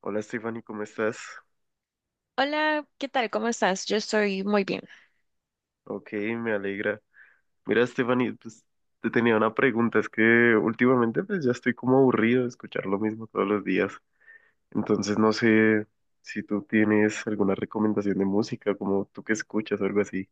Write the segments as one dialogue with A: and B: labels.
A: Hola, Stephanie, ¿cómo estás?
B: Hola, ¿qué tal? ¿Cómo estás? Yo estoy muy bien.
A: Ok, me alegra. Mira, Stephanie, pues te tenía una pregunta, es que últimamente pues ya estoy como aburrido de escuchar lo mismo todos los días, entonces no sé si tú tienes alguna recomendación de música, como tú que escuchas o algo así.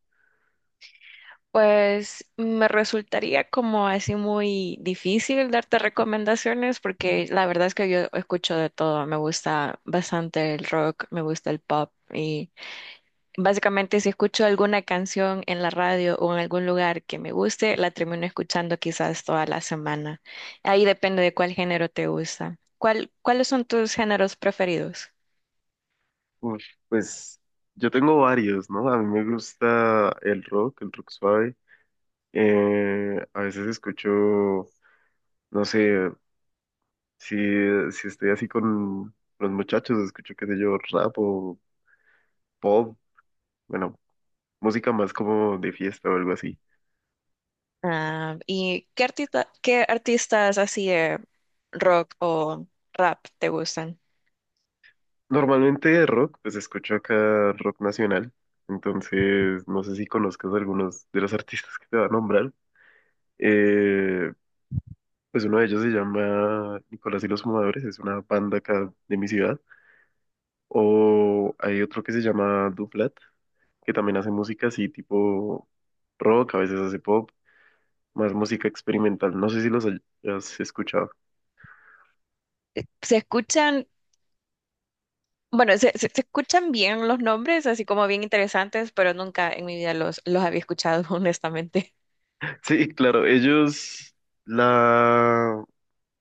B: Pues me resultaría como así muy difícil darte recomendaciones porque la verdad es que yo escucho de todo. Me gusta bastante el rock, me gusta el pop y básicamente si escucho alguna canción en la radio o en algún lugar que me guste, la termino escuchando quizás toda la semana. Ahí depende de cuál género te gusta. ¿Cuál, cuáles son tus géneros preferidos?
A: Uf, pues yo tengo varios, ¿no? A mí me gusta el rock suave, a veces escucho, no sé, si, si estoy así con los muchachos, escucho qué sé yo, rap o... pop. Bueno, música más como de fiesta o algo así.
B: Ah, ¿y qué artista, qué artistas así de rock o rap te gustan?
A: Normalmente de rock, pues escucho acá rock nacional. Entonces, no sé si conozcas algunos de los artistas que te va a nombrar. Eh, pues uno de ellos se llama Nicolás y los Fumadores, es una banda acá de mi ciudad. O hay otro que se llama Duplat, que también hace música así tipo rock, a veces hace pop, más música experimental. No sé si los hayas escuchado.
B: Se escuchan, bueno, se escuchan bien los nombres, así como bien interesantes, pero nunca en mi vida los había escuchado, honestamente.
A: Sí, claro, ellos la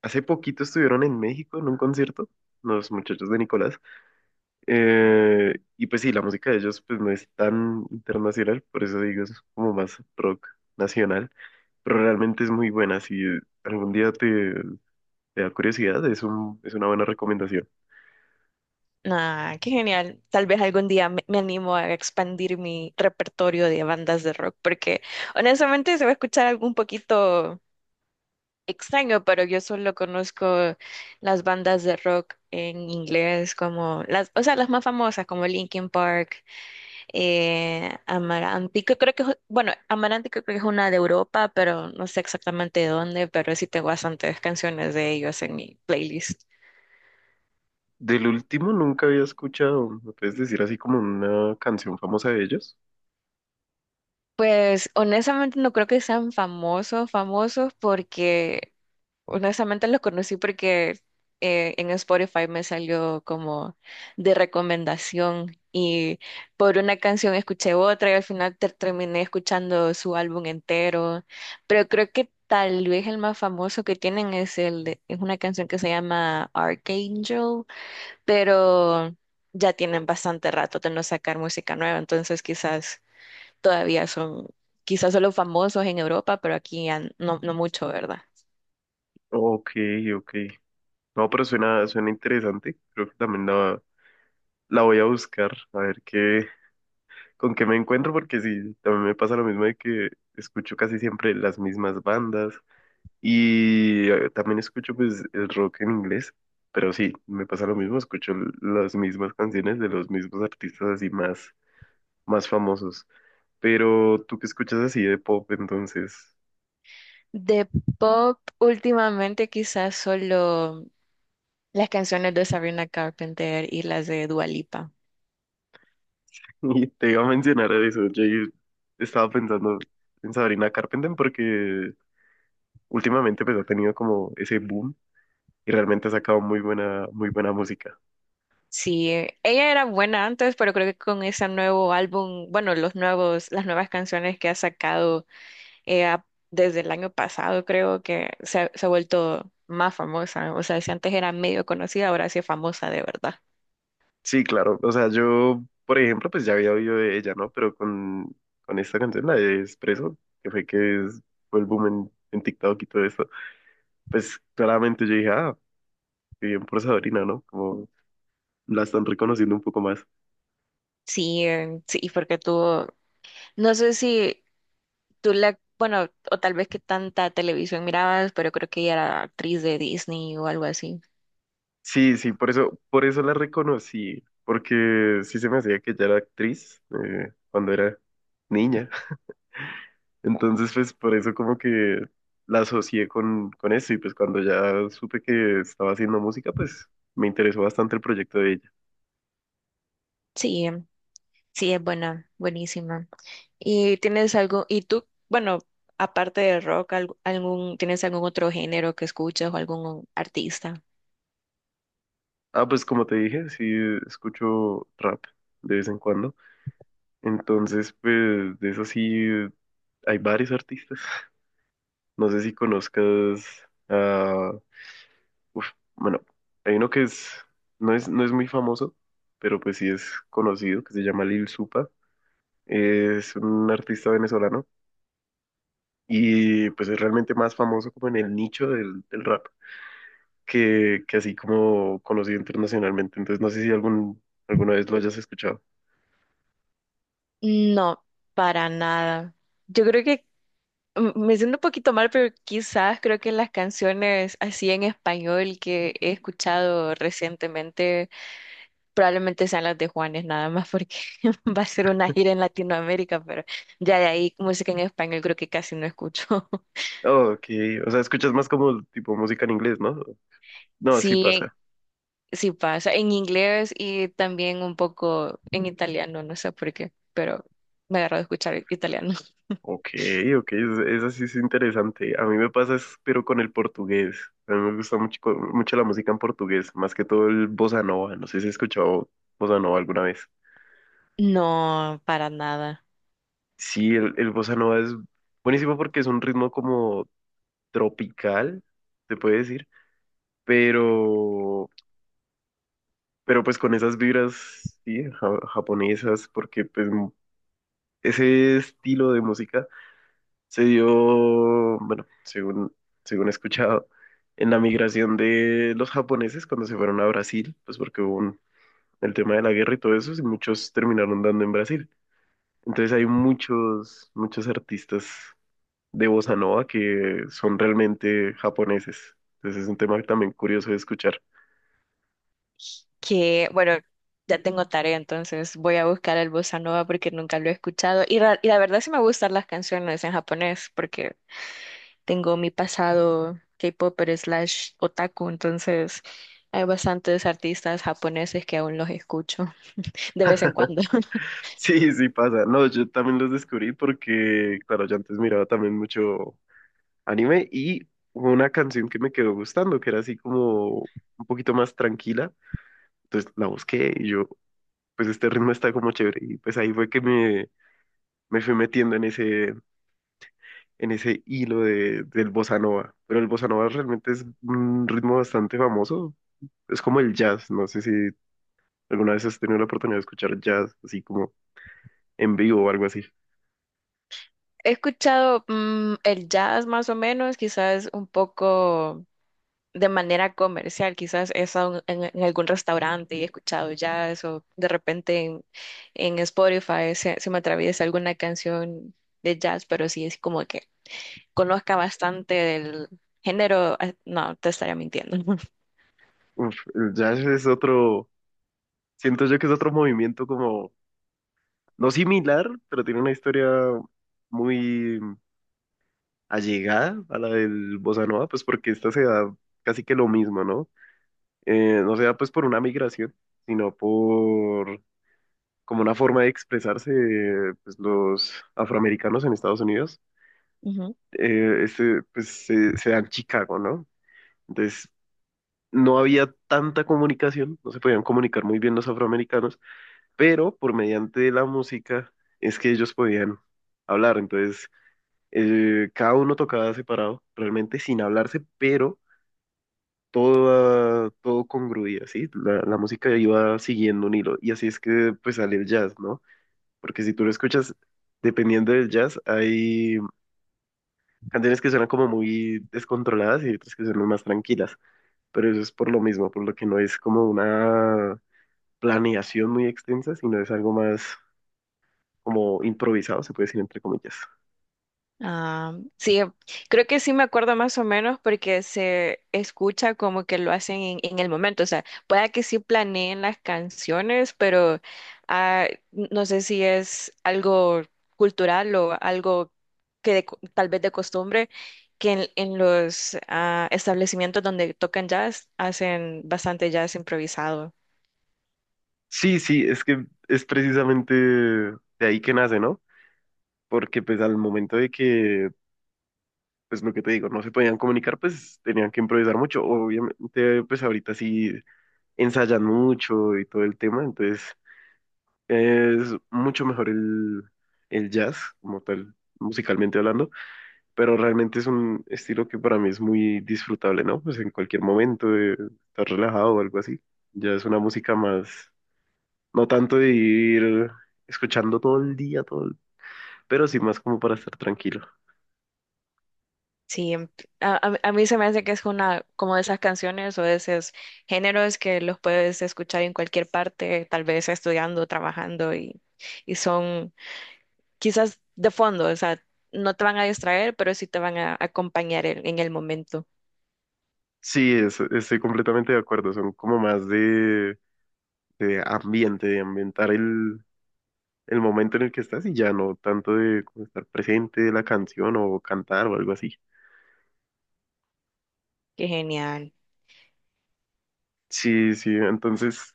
A: hace poquito estuvieron en México en un concierto, los muchachos de Nicolás. Y pues sí, la música de ellos pues no es tan internacional, por eso digo, es como más rock nacional, pero realmente es muy buena. Si algún día te da curiosidad, es una buena recomendación.
B: Ah, qué genial. Tal vez algún día me animo a expandir mi repertorio de bandas de rock, porque honestamente se va a escuchar algo un poquito extraño, pero yo solo conozco las bandas de rock en inglés como las, o sea, las más famosas como Linkin Park, Amaranti, que creo que es, bueno, Amaranti que creo que es una de Europa, pero no sé exactamente de dónde, pero sí tengo bastantes canciones de ellos en mi playlist.
A: Del último nunca había escuchado, ¿me puedes decir así como una canción famosa de ellos?
B: Pues honestamente no creo que sean famosos, famosos porque honestamente los conocí porque en Spotify me salió como de recomendación y por una canción escuché otra y al final terminé escuchando su álbum entero. Pero creo que tal vez el más famoso que tienen es es una canción que se llama Archangel, pero ya tienen bastante rato de no sacar música nueva, entonces quizás todavía son, quizás solo famosos en Europa, pero aquí ya no, no mucho, ¿verdad?
A: Ok, ok. No, pero suena interesante. Creo que también la voy a buscar, a ver con qué me encuentro, porque sí, también me pasa lo mismo de que escucho casi siempre las mismas bandas y también escucho pues el rock en inglés, pero sí, me pasa lo mismo, las mismas canciones de los mismos artistas así más famosos. Pero tú que escuchas así de pop, entonces,
B: De pop, últimamente quizás solo las canciones de Sabrina Carpenter y las de Dua Lipa.
A: y te iba a mencionar eso, yo estaba pensando en Sabrina Carpenter porque últimamente pues ha tenido como ese boom y realmente ha sacado muy muy buena música.
B: Sí, ella era buena antes, pero creo que con ese nuevo álbum, bueno, los nuevos, las nuevas canciones que ha sacado eh, a- desde el año pasado, creo que se ha vuelto más famosa. O sea, si antes era medio conocida, ahora sí es famosa de verdad.
A: Sí, claro. O sea, yo, por ejemplo, pues ya había oído de ella, ¿no? Pero con esta canción, la de Espresso, que fue que es- fue el boom en TikTok y todo eso, pues claramente yo dije, ah, qué bien por Sabrina, ¿no? Como la están reconociendo un poco más.
B: Sí, sí, porque tuvo, no sé si tú la, bueno, o tal vez que tanta televisión mirabas, pero creo que ella era actriz de Disney o algo así.
A: Sí, sí, por eso la reconocí, porque sí se me hacía que ella era actriz cuando era niña. Entonces, pues por eso como que la asocié con eso y pues cuando ya supe que estaba haciendo música, pues me interesó bastante el proyecto de ella.
B: Sí, sí, es buena, buenísima. ¿Y tienes algo, y tú, bueno, aparte de rock, algún, ¿tienes algún otro género que escuchas o algún artista?
A: Ah, pues como te dije, sí escucho rap de vez en cuando. Entonces, pues de eso sí hay varios artistas. No sé si conozcas a... uf, bueno, hay uno que es no es muy famoso, pero pues sí es conocido, que se llama Lil Supa. Es un artista venezolano y pues es realmente más famoso como en el nicho del rap que así como conocido internacionalmente. Entonces no sé si alguna vez lo hayas escuchado.
B: No, para nada. Yo creo que me siento un poquito mal, pero quizás creo que las canciones así en español que he escuchado recientemente probablemente sean las de Juanes nada más porque va a ser una gira en Latinoamérica, pero ya de ahí música en español creo que casi no escucho.
A: Oh, ok, o sea, escuchas más como tipo música en inglés, ¿no? No, sí
B: Sí,
A: pasa.
B: sí pasa en inglés y también un poco en italiano, no sé por qué, pero me agarro de escuchar italiano.
A: Ok, ok, esa sí es interesante. A mí me pasa, es, pero con el portugués. A mí me gusta mucho la música en portugués, más que todo el bossa nova. No sé si has escuchado bossa nova alguna vez.
B: No, para nada.
A: Sí, el bossa nova es buenísimo porque es un ritmo como tropical, se puede decir, pero, pero pues con esas vibras, sí, japonesas, porque ese estilo de música se dio, bueno, según he escuchado, en la migración de los japoneses cuando se fueron a Brasil, pues porque el tema de la guerra y todo eso, y muchos terminaron dando en Brasil. Entonces hay muchos artistas de bossa nova que son realmente japoneses. Entonces es un tema también curioso de escuchar.
B: Que bueno, ya tengo tarea, entonces voy a buscar el bossa nova porque nunca lo he escuchado y la verdad sí me gustan las canciones en japonés porque tengo mi pasado K-popper slash otaku, entonces hay bastantes artistas japoneses que aún los escucho de vez en cuando.
A: Sí, sí pasa. No, yo también los descubrí porque, claro, yo antes miraba también mucho anime y hubo una canción que me quedó gustando, que era así como un poquito más tranquila. Entonces la busqué y yo, pues este ritmo está como chévere. Y pues ahí fue que me fui metiendo en en ese hilo del bossa nova. Pero el bossa nova realmente es un ritmo bastante famoso. Es como el jazz. No sé si alguna vez has tenido la oportunidad de escuchar jazz así como en vivo o algo así.
B: He escuchado el jazz más o menos, quizás un poco de manera comercial, quizás he estado en algún restaurante y he escuchado jazz o de repente en Spotify se me atraviesa alguna canción de jazz, pero sí es como que conozca bastante del género, ah, no, te estaría mintiendo.
A: Uf, el jazz es otro. Siento yo que es otro movimiento como, no similar, pero tiene una historia muy allegada a la del bossa nova, pues porque esta se da casi que lo mismo, ¿no? No se da pues por una migración, sino por como una forma de expresarse pues, los afroamericanos en Estados Unidos.
B: Ujú.
A: Pues se da en Chicago, ¿no? Entonces no había tanta comunicación, no se podían comunicar muy bien los afroamericanos, pero por mediante la música es que ellos podían hablar. Entonces, cada uno tocaba separado, realmente sin hablarse, pero todo, todo congruía, ¿sí? La música iba siguiendo un hilo y así es que pues sale el jazz, ¿no? Porque si tú lo escuchas, dependiendo del jazz, hay canciones que suenan como muy descontroladas y otras que suenan más tranquilas. Pero eso es por lo mismo, por lo que no es como una planeación muy extensa, sino es algo más como improvisado, se puede decir entre comillas.
B: Ah, sí, creo que sí me acuerdo más o menos porque se escucha como que lo hacen en el momento. O sea, pueda que sí planeen las canciones, pero ah, no sé si es algo cultural o algo que tal vez de costumbre, que en los establecimientos donde tocan jazz hacen bastante jazz improvisado.
A: Sí, sí, es que es precisamente de ahí que nace, ¿no? Porque pues al momento de que, pues lo que te digo, no se podían comunicar, pues tenían que improvisar mucho. Obviamente, pues ahorita sí ensayan mucho y todo el tema, entonces es mucho mejor el jazz como tal, musicalmente hablando, pero realmente es un estilo que para mí es muy disfrutable, ¿no? Pues en cualquier momento, estar relajado o algo así, ya es una música más. No tanto de ir escuchando todo el día, pero sí más como para estar tranquilo.
B: Sí, a mí se me hace que es una como de esas canciones o de esos géneros que los puedes escuchar en cualquier parte, tal vez estudiando, trabajando y son quizás de fondo, o sea, no te van a distraer, pero sí te van a acompañar en el momento.
A: Sí, estoy completamente de acuerdo. Son como más de ambiente, de ambientar el momento en el que estás y ya no tanto de como estar presente de la canción o cantar o algo así.
B: Qué genial.
A: Sí, sí, entonces,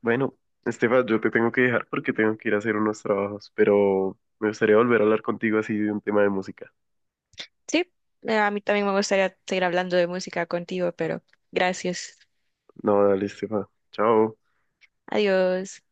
A: bueno, Estefa, yo te tengo que dejar porque tengo que ir a hacer unos trabajos, pero me gustaría volver a hablar contigo así de un tema de música.
B: Sí, a mí también me gustaría seguir hablando de música contigo, pero gracias.
A: No, dale, Estefa. Chao.
B: Adiós.